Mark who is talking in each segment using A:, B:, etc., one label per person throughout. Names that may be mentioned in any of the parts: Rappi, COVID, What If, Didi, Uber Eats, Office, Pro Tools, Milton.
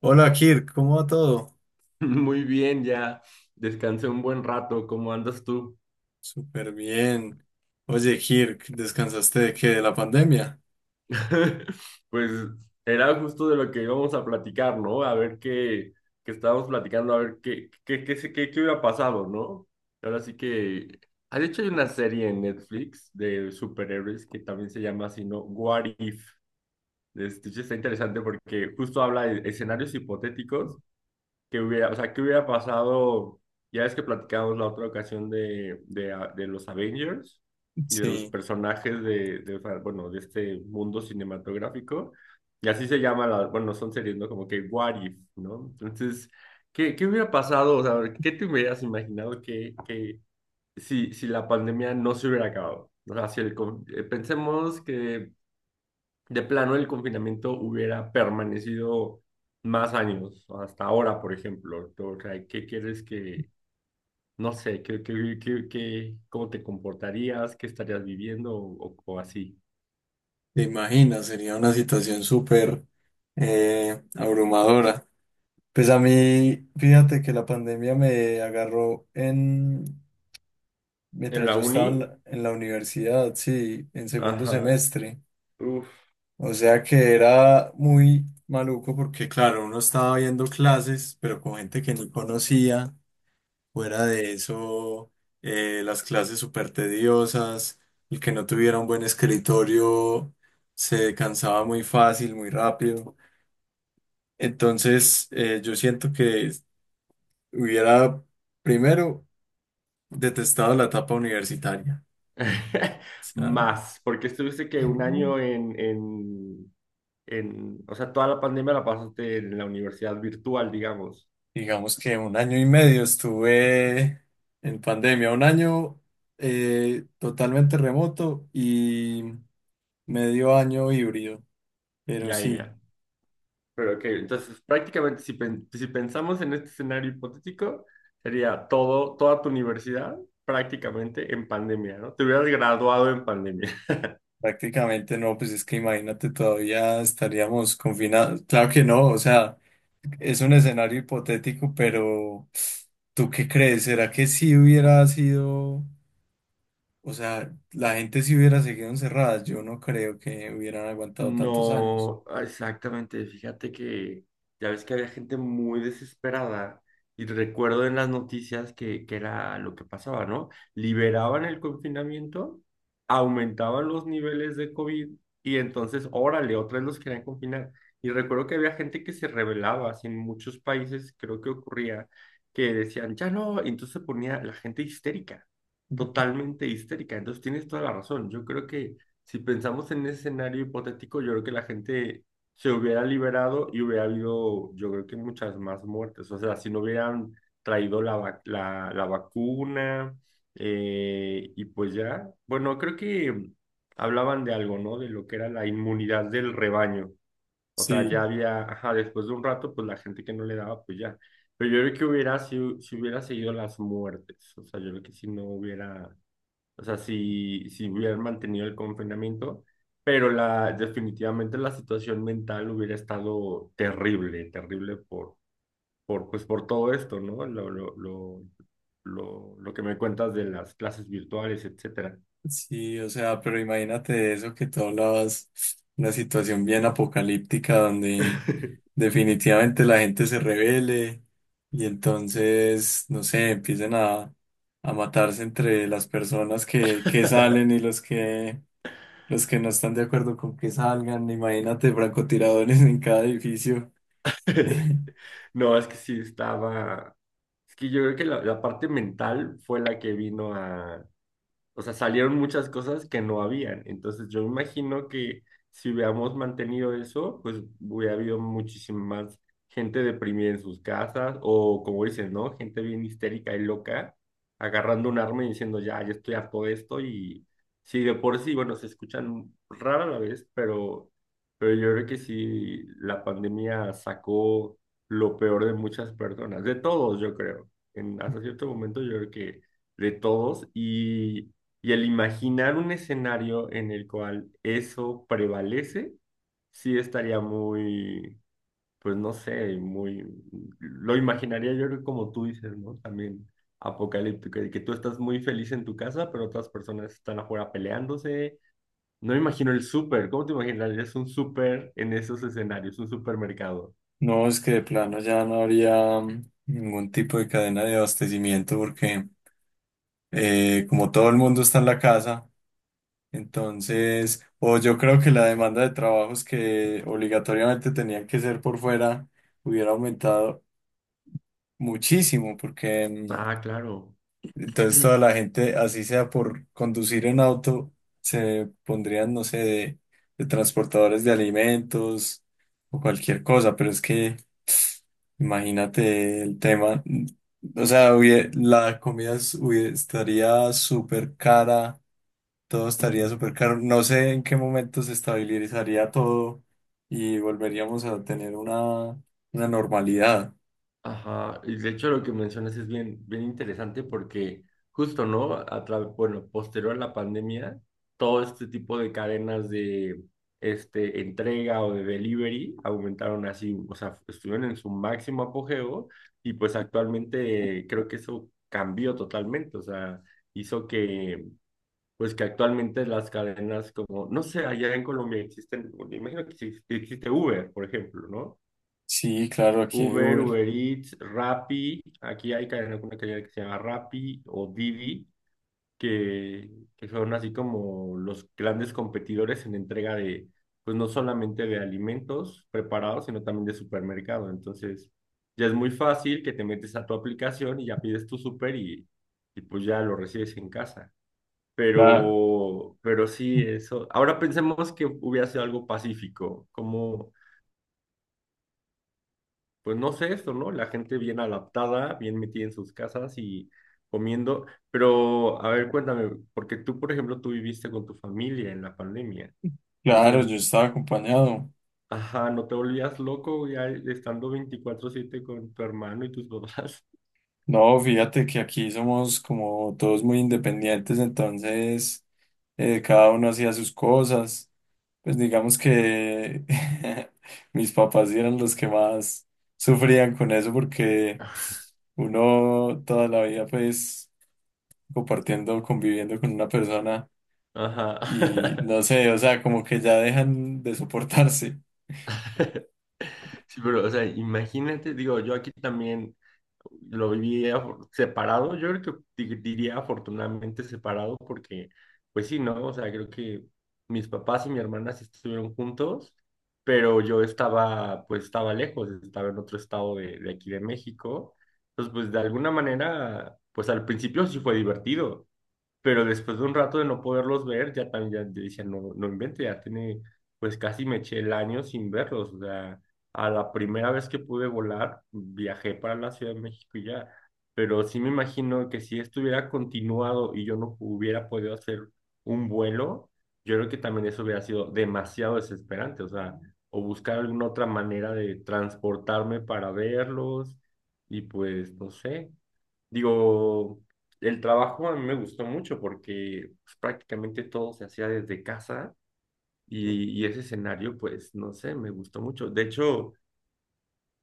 A: Hola Kirk, ¿cómo va todo?
B: Muy bien, ya descansé un buen rato. ¿Cómo andas tú?
A: Súper bien. Oye Kirk, ¿descansaste de qué? ¿De la pandemia?
B: Pues era justo de lo que íbamos a platicar, ¿no? A ver qué, qué, estábamos platicando, a ver qué hubiera pasado, ¿no? Ahora sí que. Ah, de hecho, hay una serie en Netflix de superhéroes que también se llama así, ¿no? What If. Sí está interesante porque justo habla de escenarios hipotéticos que hubiera, o sea, qué hubiera pasado, ya ves que platicamos la otra ocasión de los Avengers y de los
A: Sí,
B: personajes o sea, bueno, de este mundo cinematográfico, y así se llama, bueno, son series, ¿no? Como que What If, ¿no? Entonces, ¿qué hubiera pasado? O sea, ¿qué te hubieras imaginado que si la pandemia no se hubiera acabado? O sea, si el, con- pensemos que de plano el confinamiento hubiera permanecido más años, hasta ahora, por ejemplo. O sea, ¿qué quieres que, no sé, cómo te comportarías, qué estarías viviendo o así?
A: te imaginas, sería una situación súper abrumadora. Pues a mí, fíjate que la pandemia me agarró en
B: En
A: mientras
B: la
A: yo
B: uni,
A: estaba en la universidad, sí, en segundo
B: ajá,
A: semestre.
B: uf,
A: O sea que era muy maluco porque, claro, uno estaba viendo clases, pero con gente que ni conocía. Fuera de eso, las clases súper tediosas, el que no tuviera un buen escritorio se cansaba muy fácil, muy rápido. Entonces, yo siento que hubiera primero detestado la etapa universitaria. O sea,
B: más, porque estuviste que un año o sea, toda la pandemia la pasaste en la universidad virtual, digamos.
A: digamos que un año y medio estuve en pandemia, un año totalmente remoto y medio año híbrido, pero
B: Ya,
A: sí.
B: ya. Pero ok, entonces prácticamente si pensamos en este escenario hipotético, sería toda tu universidad prácticamente en pandemia, ¿no? Te hubieras graduado en pandemia.
A: Prácticamente no, pues es que imagínate, todavía estaríamos confinados. Claro que no, o sea, es un escenario hipotético, pero ¿tú qué crees? ¿Será que si hubiera sido, o sea, la gente si hubiera seguido encerrada? Yo no creo que hubieran aguantado tantos años.
B: No, ah, exactamente. Fíjate que ya ves que había gente muy desesperada y recuerdo en las noticias que era lo que pasaba, ¿no? Liberaban el confinamiento, aumentaban los niveles de COVID y entonces, órale, otra vez los querían confinar. Y recuerdo que había gente que se rebelaba, así en muchos países creo que ocurría, que decían, ya no, y entonces se ponía la gente histérica, totalmente histérica. Entonces tienes toda la razón. Yo creo que si pensamos en ese escenario hipotético, yo creo que la gente se hubiera liberado y hubiera habido, yo creo que muchas más muertes. O sea, si no hubieran traído la vacuna, y pues ya, bueno, creo que hablaban de algo, ¿no? De lo que era la inmunidad del rebaño. O sea,
A: Sí.
B: ya había, ajá, después de un rato, pues la gente que no le daba, pues ya. Pero yo creo que hubiera, si, si hubiera seguido las muertes, o sea, yo creo que si no hubiera o sea, si, si hubieran mantenido el confinamiento, pero definitivamente la situación mental hubiera estado terrible, terrible pues por todo esto, ¿no? Lo que me cuentas de las clases virtuales, etcétera.
A: Sí, o sea, pero imagínate eso que tú hablabas, una situación bien apocalíptica donde definitivamente la gente se rebele y entonces, no sé, empiecen a matarse entre las personas que salen y los que no están de acuerdo con que salgan. Imagínate francotiradores en cada edificio.
B: No, es que sí estaba, es que yo creo que la parte mental fue la que vino o sea, salieron muchas cosas que no habían. Entonces yo imagino que si hubiéramos mantenido eso, pues hubiera habido muchísima más gente deprimida en sus casas o como dices, ¿no? Gente bien histérica y loca, agarrando un arma y diciendo, ya, yo estoy harto de esto y sí, de por sí, bueno, se escuchan rara la vez, pero yo creo que sí, la pandemia sacó lo peor de muchas personas, de todos, yo creo. Hasta cierto momento yo creo que de todos y el imaginar un escenario en el cual eso prevalece, sí estaría muy, pues no sé, muy, lo imaginaría yo creo que como tú dices, ¿no? También apocalíptico, de que tú estás muy feliz en tu casa, pero otras personas están afuera peleándose. No me imagino el súper, ¿cómo te imaginarías un súper en esos escenarios, un supermercado?
A: No, es que de plano ya no habría ningún tipo de cadena de abastecimiento porque como todo el mundo está en la casa. Entonces, o yo creo que la demanda de trabajos que obligatoriamente tenían que ser por fuera hubiera aumentado muchísimo, porque
B: Ah, claro.
A: entonces toda la gente, así sea por conducir en auto, se pondrían, no sé, de transportadores de alimentos o cualquier cosa, pero es que imagínate el tema, o sea, la comida estaría súper cara, todo estaría súper caro. No sé en qué momento se estabilizaría todo y volveríamos a tener una normalidad.
B: Ajá, y de hecho lo que mencionas es bien, bien interesante porque justo, ¿no? Bueno, posterior a la pandemia, todo este tipo de cadenas de entrega o de delivery aumentaron así, o sea, estuvieron en su máximo apogeo y pues actualmente, creo que eso cambió totalmente, o sea, hizo que, pues que actualmente las cadenas como, no sé, allá en Colombia existen, me imagino que sí existe Uber, por ejemplo, ¿no?
A: Sí, claro, aquí hay
B: Uber,
A: Uber.
B: Uber Eats, Rappi, aquí hay una cadena que se llama Rappi o Didi, que, que son así como los grandes competidores en entrega pues no solamente de alimentos preparados, sino también de supermercado. Entonces, ya es muy fácil que te metes a tu aplicación y ya pides tu super y pues ya lo recibes en casa.
A: La-
B: Pero sí, eso. Ahora pensemos que hubiera sido algo pacífico, como pues no sé esto, ¿no? La gente bien adaptada, bien metida en sus casas y comiendo. Pero, a ver, cuéntame, porque tú, por ejemplo, tú viviste con tu familia en la pandemia.
A: claro,
B: Entonces,
A: yo estaba acompañado.
B: ajá, ¿no te volvías loco ya estando 24/7 con tu hermano y tus papás?
A: No, fíjate que aquí somos como todos muy independientes, entonces cada uno hacía sus cosas. Pues digamos que mis papás eran los que más sufrían con eso porque uno toda la vida pues compartiendo, conviviendo con una persona
B: Ajá.
A: y no sé, o sea, como que ya dejan de soportarse.
B: Sí, pero, o sea, imagínate, digo, yo aquí también lo viví separado, yo creo que diría afortunadamente separado porque, pues sí, ¿no? O sea, creo que mis papás y mi hermana sí estuvieron juntos, pero yo estaba, pues estaba lejos, estaba en otro estado de aquí de México. Entonces, pues de alguna manera, pues al principio sí fue divertido. Pero después de un rato de no poderlos ver, ya también ya, decía, no, no invente, ya tiene, pues casi me eché el año sin verlos. O sea, a la primera vez que pude volar, viajé para la Ciudad de México y ya. Pero sí me imagino que si estuviera continuado y yo no hubiera podido hacer un vuelo, yo creo que también eso hubiera sido demasiado desesperante. O sea, o buscar alguna otra manera de transportarme para verlos y pues, no sé. Digo, el trabajo a mí me gustó mucho porque pues, prácticamente todo se hacía desde casa y ese escenario, pues, no sé, me gustó mucho. De hecho,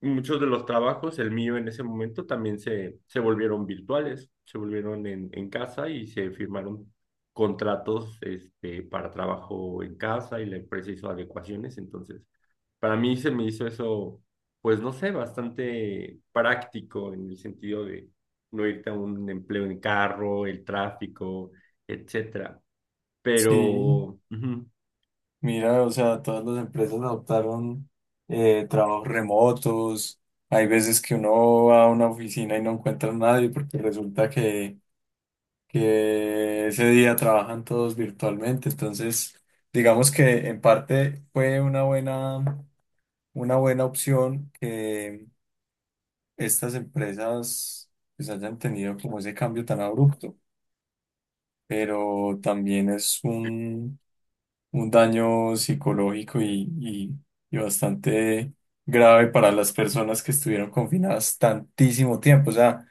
B: muchos de los trabajos, el mío en ese momento, también se volvieron virtuales, se volvieron en casa y se firmaron contratos, este, para trabajo en casa y la empresa hizo adecuaciones. Entonces, para mí se me hizo eso, pues no sé, bastante práctico en el sentido de no irte a un empleo en carro, el tráfico, etcétera.
A: Sí,
B: Pero, ujú,
A: mira, o sea, todas las empresas adoptaron trabajos remotos. Hay veces que uno va a una oficina y no encuentra a nadie porque resulta que ese día trabajan todos virtualmente. Entonces, digamos que en parte fue una buena. Una buena opción que estas empresas pues hayan tenido como ese cambio tan abrupto, pero también es un daño psicológico y bastante grave para las personas que estuvieron confinadas tantísimo tiempo. O sea,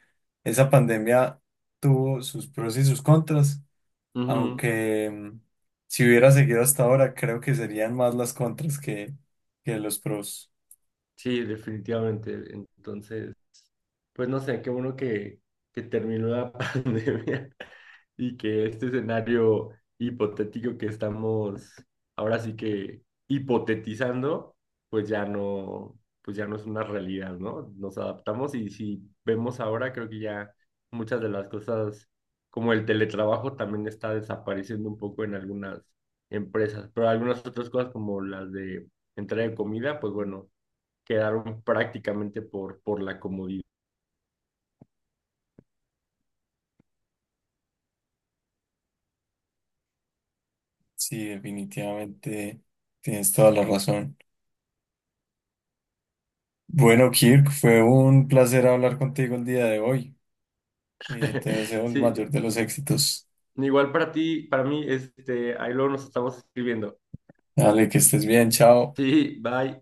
A: esa pandemia tuvo sus pros y sus contras,
B: ujú,
A: aunque si hubiera seguido hasta ahora, creo que serían más las contras que los pros.
B: sí, definitivamente. Entonces, pues no sé, qué bueno que, terminó la pandemia y que este escenario hipotético que estamos ahora sí que hipotetizando, pues ya no es una realidad, ¿no? Nos adaptamos y si vemos ahora, creo que ya muchas de las cosas, como el teletrabajo, también está desapareciendo un poco en algunas empresas, pero algunas otras cosas como las de entrega de comida, pues bueno, quedaron prácticamente por la comodidad.
A: Sí, definitivamente tienes toda la razón. Bueno, Kirk, fue un placer hablar contigo el día de hoy. Te deseo el
B: Sí,
A: mayor de los éxitos.
B: igual para ti, para mí, este, ahí luego nos estamos escribiendo.
A: Dale, que estés bien, chao.
B: Sí, bye.